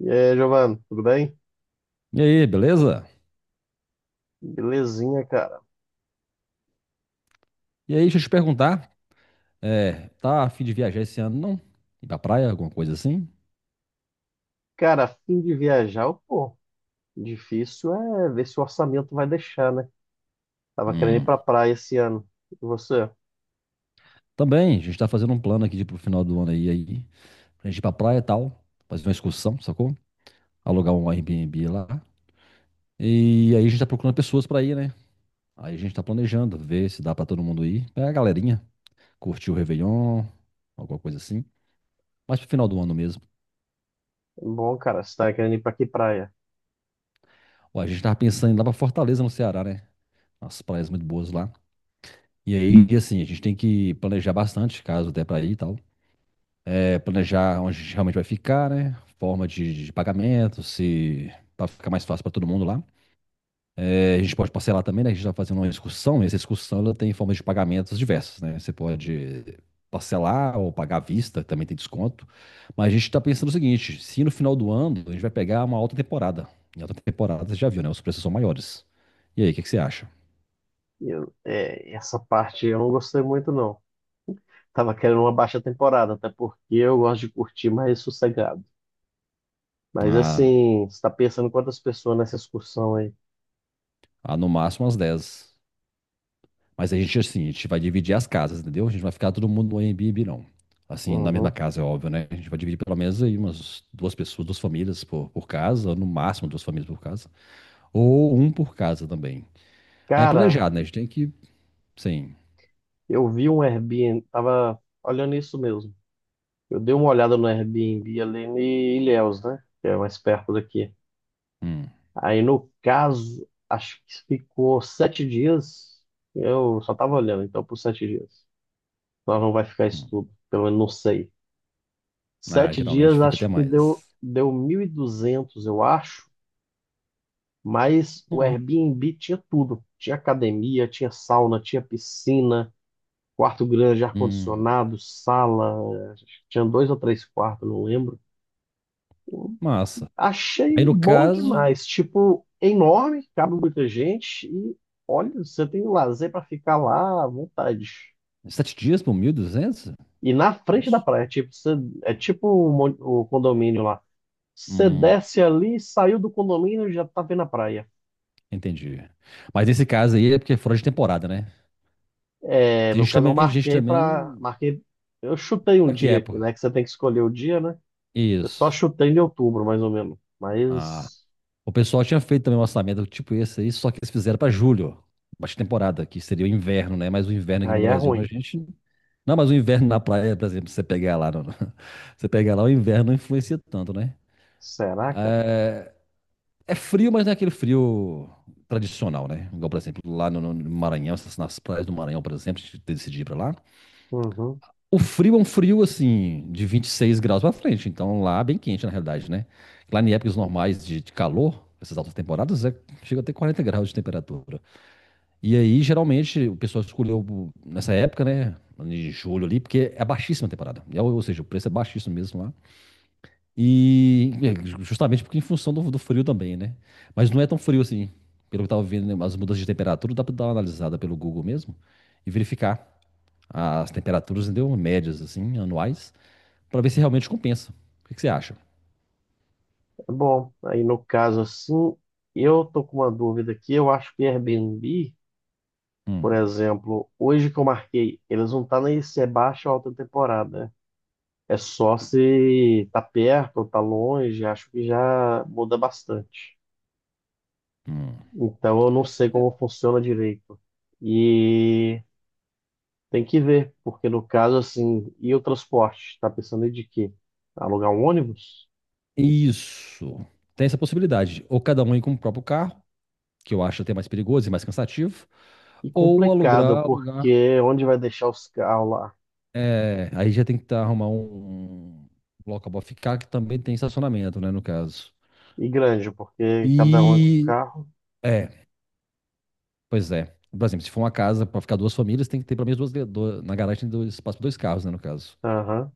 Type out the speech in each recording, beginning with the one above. E aí, Giovanni, tudo bem? E aí, beleza? Belezinha, cara. E aí, deixa eu te perguntar, tá a fim de viajar esse ano, não? Ir pra praia, alguma coisa assim? Cara, a fim de viajar, pô, difícil é ver se o orçamento vai deixar, né? Tava querendo ir Hum. pra praia esse ano. E você? Também, a gente tá fazendo um plano aqui de, pro final do ano aí, pra gente ir pra praia e tal, fazer uma excursão, sacou? Alugar um Airbnb lá. E aí a gente tá procurando pessoas pra ir, né? Aí a gente tá planejando, ver se dá pra todo mundo ir. É a galerinha, curtir o Réveillon, alguma coisa assim. Mas pro final do ano mesmo. Bom, cara, você tava querendo ir pra que praia? Ó, a gente tava pensando em ir lá pra Fortaleza, no Ceará, né? As praias muito boas lá. E aí, e assim, a gente tem que planejar bastante, caso até para ir e tal. É, planejar onde a gente realmente vai ficar, né? Forma de pagamento, se para ficar mais fácil para todo mundo lá. É, a gente pode parcelar também, né? A gente está fazendo uma excursão, e essa excursão ela tem formas de pagamentos diversas, né? Você pode parcelar ou pagar à vista, também tem desconto. Mas a gente está pensando o seguinte: se no final do ano a gente vai pegar uma alta temporada. Em alta temporada, você já viu, né? Os preços são maiores. E aí, o que que você acha? Eu, essa parte eu não gostei muito, não. Tava querendo uma baixa temporada, até porque eu gosto de curtir mais sossegado. Mas Ah, assim, você tá pensando quantas pessoas nessa excursão aí? ah, no máximo umas 10. Mas a gente, assim, a gente vai dividir as casas, entendeu? A gente não vai ficar todo mundo no Airbnb, não. Assim, na mesma Uhum. casa, é óbvio, né? A gente vai dividir pelo menos aí umas duas pessoas, duas famílias por casa, ou no máximo duas famílias por casa. Ou um por casa também. Aí é Cara, planejado, né? A gente tem que, sim. eu vi um Airbnb, tava olhando isso mesmo. Eu dei uma olhada no Airbnb ali em Ilhéus, né? Que é mais perto daqui. Hum, Aí, no caso, acho que ficou 7 dias. Eu só tava olhando, então, por 7 dias. Nós não vai ficar isso hum. tudo, pelo menos não sei. Ah, Sete geralmente dias, fica até acho que deu, mais. deu 1.200, eu acho. Mas o Ó, Airbnb tinha tudo. Tinha academia, tinha sauna, tinha piscina, quarto grande, hum, ar-condicionado, sala. Tinha dois ou três quartos, não lembro. massa. Aí Achei no bom caso, demais. Tipo, é enorme, cabe muita gente. E olha, você tem lazer pra ficar lá à vontade. 7 dias por 1.200. E na frente da Isso. praia, tipo, você, é tipo o condomínio lá. Você Hum, desce ali, saiu do condomínio e já tá vendo a praia. entendi. Mas nesse caso aí é porque é fora de temporada, né? É, Tem no gente caso, eu também, gente marquei pra. também. Marquei. Eu chutei um Pra que dia aqui, época? né? Que você tem que escolher o dia, né? Eu só Isso. chutei em outubro, mais ou menos. Ah, Mas o pessoal tinha feito também um orçamento tipo esse aí, só que eles fizeram para julho, baixa temporada, que seria o inverno, né? Mas o inverno aqui no aí é Brasil pra ruim. gente. Não, mas o inverno na praia, por exemplo, você pegar lá, você pegar lá, o inverno não influencia tanto, né? Será, cara? É frio, mas não é aquele frio tradicional, né? Igual, por exemplo, lá no Maranhão, nas praias do Maranhão, por exemplo, a gente decidir ir pra lá. Uhum. O frio é um frio assim, de 26 graus pra frente, então lá bem quente na realidade, né? Lá em épocas normais de calor, essas altas temporadas, chega até 40 graus de temperatura. E aí, geralmente, o pessoal escolheu nessa época, né? Em julho ali, porque é baixíssima a temporada. Ou seja, o preço é baixíssimo mesmo lá. E justamente porque em função do frio também, né? Mas não é tão frio assim. Pelo que eu tava vendo, né, as mudanças de temperatura, dá pra dar uma analisada pelo Google mesmo e verificar as temperaturas, entendeu? Médias, assim, anuais, para ver se realmente compensa. O que que você acha? Bom, aí no caso assim, eu tô com uma dúvida aqui. Eu acho que Airbnb, por Hum, exemplo, hoje que eu marquei, eles não tá nem se é baixa ou alta temporada, né? É só se tá perto ou tá longe, acho que já muda bastante. hum. Então eu não sei É, como funciona direito. E tem que ver, porque no caso assim, e o transporte? Tá pensando em de quê? Alugar um ônibus? isso. Tem essa possibilidade. Ou cada um ir com o próprio carro, que eu acho até mais perigoso e mais cansativo, E ou complicado, alugar, alugar. porque onde vai deixar os carros lá? É, aí já tem que tá, arrumar um local para ficar, que também tem estacionamento, né, no caso. E grande, porque cada um é com E carro. é, Pois é. Por exemplo, se for uma casa para ficar duas famílias, tem que ter pelo menos na garagem tem dois, espaço para dois carros, né, no caso. Aham.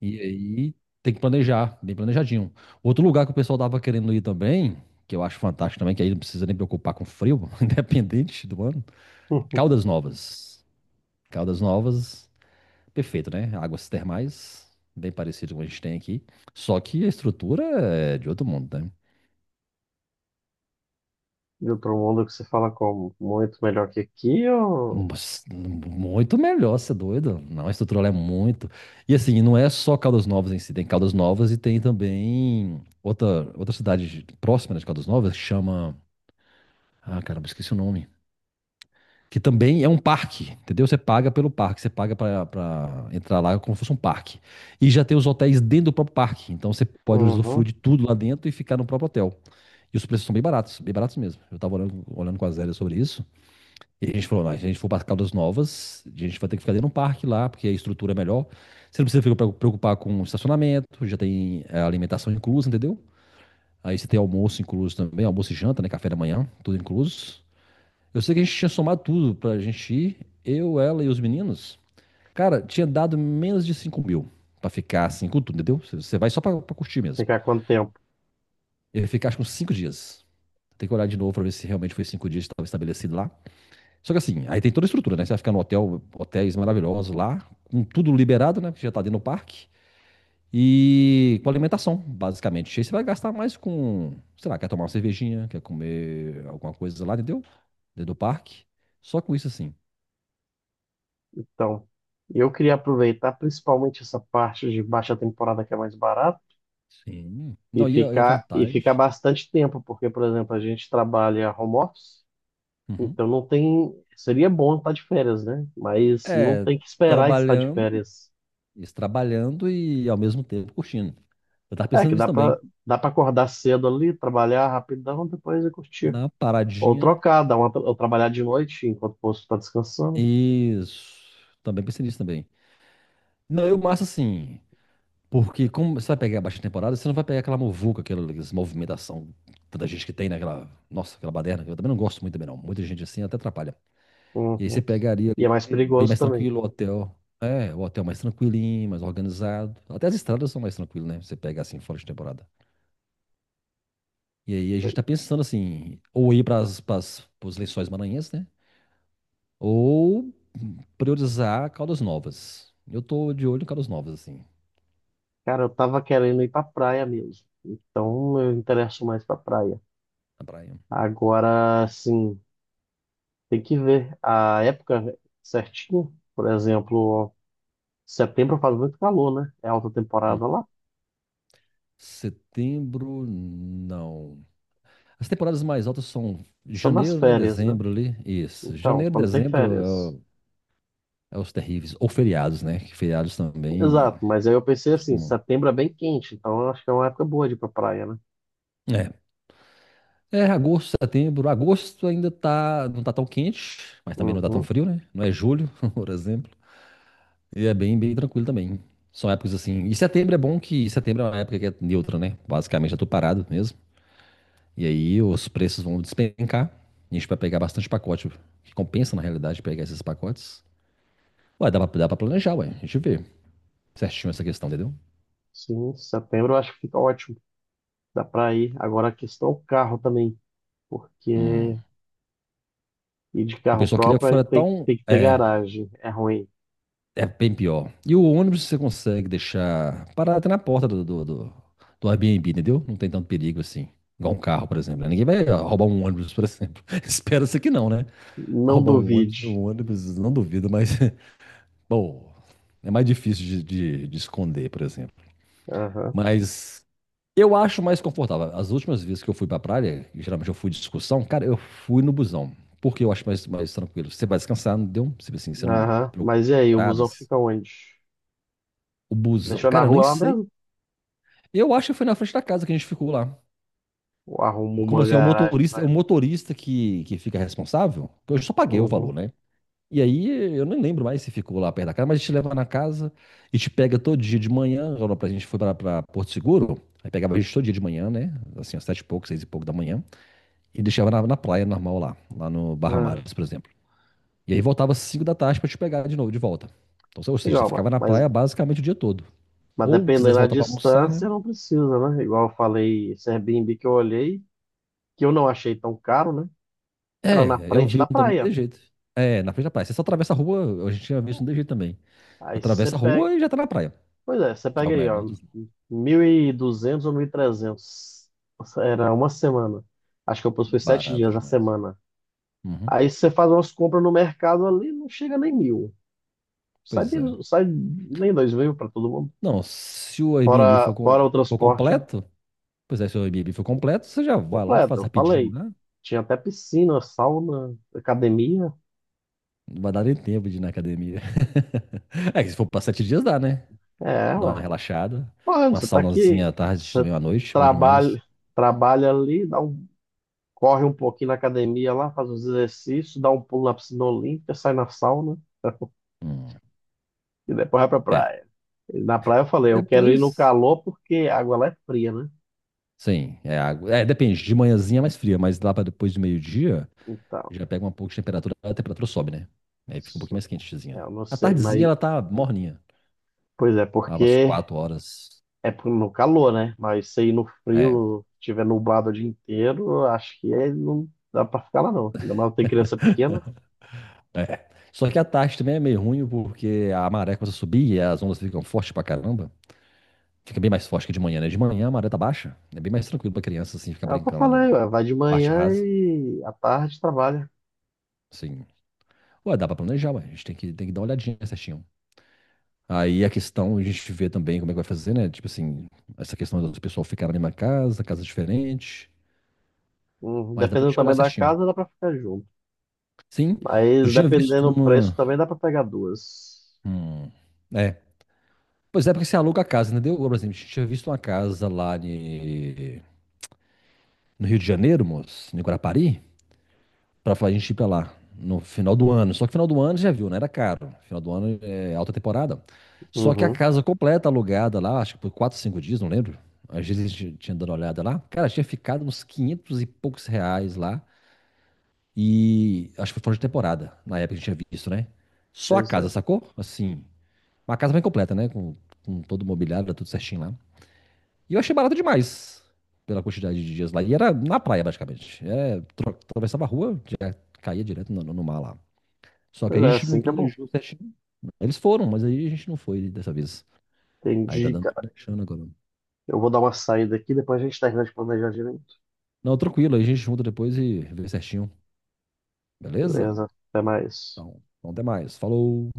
E aí tem que planejar, bem planejadinho. Outro lugar que o pessoal tava querendo ir também, que eu acho fantástico também, que aí não precisa nem preocupar com frio, independente do ano. Caldas Novas. Caldas Novas, perfeito, né? Águas termais, bem parecido com o que a gente tem aqui. Só que a estrutura é de outro mundo, né? De outro mundo que se fala como? Muito melhor que aqui ou. Mas, muito melhor, você é doido? Não, a estrutura lá é muito. E assim, não é só Caldas Novas em si, tem Caldas Novas e tem também outra cidade próxima né, de Caldas Novas que chama. Ah, caramba, esqueci o nome. Que também é um parque, entendeu? Você paga pelo parque, você paga pra entrar lá como se fosse um parque. E já tem os hotéis dentro do próprio parque, então você pode usufruir Uhum. de tudo lá dentro e ficar no próprio hotel. E os preços são bem baratos mesmo. Eu tava olhando com a Zélia sobre isso, e a gente falou: "Não, se a gente for para Caldas Novas, a gente vai ter que ficar dentro de um parque lá, porque a estrutura é melhor. Você não precisa ficar preocupar com estacionamento, já tem alimentação inclusa, entendeu? Aí você tem almoço incluso também, almoço e janta, né? Café da manhã, tudo incluso. Eu sei que a gente tinha somado tudo pra gente ir, eu, ela e os meninos. Cara, tinha dado menos de 5 mil pra ficar assim com tudo, entendeu? Você vai só pra curtir mesmo. Ficar quanto tempo? Eu ia ficar acho que uns 5 dias. Tem que olhar de novo pra ver se realmente foi 5 dias que estava estabelecido lá. Só que assim, aí tem toda a estrutura, né? Você vai ficar no hotel, hotéis maravilhosos lá, com tudo liberado, né? Que já tá dentro do parque. E com alimentação, basicamente. Aí você vai gastar mais com, sei lá, quer tomar uma cervejinha, quer comer alguma coisa lá, entendeu? Dentro do parque. Só com isso assim. Então, eu queria aproveitar principalmente essa parte de baixa temporada que é mais barata Sim. e Não, e a ficar vantagem? bastante tempo, porque, por exemplo, a gente trabalha home office, Uhum. então não tem. Seria bom estar de férias, né? Mas não É, tem que esperar estar de trabalhando, férias. isso, trabalhando e ao mesmo tempo curtindo. Eu tava É pensando que nisso dá pra, também. dá pra acordar cedo ali, trabalhar rapidão, depois eu curtir. Na Ou paradinha. trocar, ou trabalhar de noite enquanto o posto está descansando. Isso. Também pensei nisso também. Não, eu massa assim. Porque como você vai pegar a baixa temporada, você não vai pegar aquela muvuca, aquela movimentação, tanta gente que tem naquela. Nossa, aquela baderna. Eu também não gosto muito também, não. Muita gente assim até atrapalha. E aí você Uhum. pegaria E é ali mais é bem perigoso mais também. tranquilo o hotel. É, o hotel mais tranquilinho, mais organizado. Até as estradas são mais tranquilas, né? Você pega assim fora de temporada. E aí a gente tá pensando assim, ou ir para os Lençóis Maranhenses, né? Ou priorizar Caldas Novas. Eu tô de olho em Caldas Novas, assim, Cara, eu tava querendo ir pra praia mesmo. Então eu interesso mais pra praia. na praia. Agora, assim, tem que ver a época certinho. Por exemplo, setembro faz muito calor, né? É alta temporada Hum. lá. Setembro, não. As temporadas mais altas são São nas janeiro, né? férias, né? Dezembro ali. Isso. Então, Janeiro, quando tem dezembro é, férias. o- é os terríveis. Ou feriados, né? Que feriados também. Exato, mas aí eu pensei assim, Costuma. setembro é bem quente, então eu acho que é uma época boa de ir pra praia, né? É. É, agosto, setembro. Agosto ainda tá, não tá tão quente, mas também não tá tão Uhum. frio, né? Não é julho, por exemplo. E é bem, bem tranquilo também. São épocas assim. E setembro é bom que setembro é uma época que é neutra, né? Basicamente já tô parado mesmo. E aí os preços vão despencar. A gente vai pegar bastante pacote. Que compensa, na realidade, pegar esses pacotes. Ué, dá pra planejar, ué. A gente vê certinho essa questão, entendeu? Sim, setembro eu acho que fica ótimo. Dá para ir. Agora a questão é o carro também, Hum. porque ir de O carro pessoal queria próprio aí fretar tem, um. tem que ter É, garagem, é ruim. É bem pior. E o ônibus você consegue deixar parado até na porta do Airbnb, entendeu? Não tem tanto perigo assim. Igual um carro, por exemplo, né? Ninguém vai ó, roubar um ônibus, por exemplo. Espera-se que não, né? Não Roubar duvide. um ônibus, não duvido, mas, bom, é mais difícil de esconder, por exemplo. Aham, Mas eu acho mais confortável. As últimas vezes que eu fui pra praia, e geralmente eu fui de excursão, cara, eu fui no busão. Porque eu acho mais tranquilo. Você vai descansar, não deu? Tipo assim, você não aham. preocupa Mas e com aí, o busão entradas. fica onde? O busão, Deixou na cara, eu nem rua lá sei. mesmo? Eu acho que foi na frente da casa que a gente ficou lá. Ou arruma Como uma assim, é o garagem motorista, é para o ele. motorista que fica responsável? Eu só paguei o valor, Uhum. né? E aí eu nem lembro mais se ficou lá perto da casa, mas a gente te leva na casa e te pega todo dia de manhã. Agora a gente foi pra Porto Seguro, aí pegava a gente todo dia de manhã, né? Assim, às 7 e pouco, 6 e pouco da manhã, e deixava na praia normal lá no Barra Ah, Mares, por exemplo. E aí voltava às 5 da tarde pra te pegar de novo, de volta. Então, ou seja, você igual, ma- ficava na mas, praia basicamente o dia todo. mas Ou dependendo quisesse da voltar pra almoçar, né? distância, não precisa, né? Igual eu falei, esse Airbnb que eu olhei, que eu não achei tão caro, né? Era na É, eu frente vi um da também praia. de jeito. É, na frente da praia. Você só atravessa a rua, a gente tinha visto um de jeito também. Aí você Atravessa a pega. rua e já tá na praia. Pois é, você Que é pega o aí, ó, melhor dos mundos. 1.200 ou 1.300. Era uma semana. Acho que eu pus foi sete Barato dias na demais. semana. Uhum, Aí você faz umas compras no mercado ali, não chega nem 1.000. Sai, pois é. de- sai nem 2.000 para todo mundo. Não, se o Airbnb Fora, for, fora o for transporte completo, pois é, se o Airbnb for completo, você já vai lá, completo, faz eu rapidinho falei. lá. Tinha até piscina, sauna, academia. Não vai dar nem tempo de ir na academia. É que se for pra 7 dias dá, né? É, Dá uma ué. relaxada. Mano, Uma você tá saunazinha aqui, à tarde, você também à noite, bom demais. trabalha, trabalha ali, dá um corre um pouquinho na academia lá, faz uns exercícios, dá um pulo na piscina olímpica, sai na sauna Hum, e depois vai pra é. praia. E na praia eu falei, eu quero ir no Depois. calor porque a água lá é fria, né? Sim, é água. É, depende, de manhãzinha é mais fria, mas lá para depois do meio-dia Então, já pega um pouco de temperatura, a temperatura sobe, né? Aí fica um pouquinho isso- mais quentezinha. eu não A sei, tardezinha mas ela tá morninha, pois é, tava às porque 4 horas. é no calor, né? Mas se ir no É, frio, tiver nublado o dia inteiro, eu acho que não dá pra ficar lá não. Ainda mais tem criança pequena. é. Só que a tarde também é meio ruim porque a maré começa a subir e as ondas ficam fortes pra caramba. Fica bem mais forte que de manhã, né? De manhã a maré tá baixa, é bem mais tranquilo pra criança assim ficar É o que eu brincando lá no falei, ué, vai de parte manhã rasa. e à tarde trabalha. Sim, ué, dá pra planejar, ué. A gente tem que dar uma olhadinha certinho. Aí a questão, a gente vê também como é que vai fazer, né? Tipo assim, essa questão do pessoal ficar na mesma casa, casa diferente. Mas dá pra Dependendo do gente olhar tamanho da certinho. casa, dá pra ficar junto. Sim, eu Mas tinha visto dependendo do preço, uma. também dá pra pegar duas. Hum, é. Pois é, porque você aluga a casa, entendeu? Por exemplo, a gente tinha visto uma casa lá no Rio de Janeiro, moço, em Guarapari. Pra a gente ir pra lá no final do ano. Só que final do ano já viu, né? Era caro. Final do ano é alta temporada. Só que a Uhum, casa completa alugada lá, acho que por 4, 5 dias, não lembro. Às vezes a gente tinha dado uma olhada lá. Cara, tinha ficado uns 500 e poucos reais lá. E acho que foi fora de temporada, na época que a gente tinha visto, né? Só a pois casa, é. sacou? Assim, uma casa bem completa, né? Com todo o mobiliário, tudo certinho lá. E eu achei barato demais pela quantidade de dias lá. E era na praia, basicamente. É, atravessava a rua, já caía direto no mar lá. Só que Pois aí a é, gente não assim tá bom. planejou certinho. Eles foram, mas aí a gente não foi dessa vez. Aí tá Entendi, dando cara. planejando agora. Eu vou dar uma saída aqui, depois a gente termina de planejar direito. Não, tranquilo, aí a gente junta depois e vê certinho. Beleza? Beleza, até mais. Então, até mais. Falou!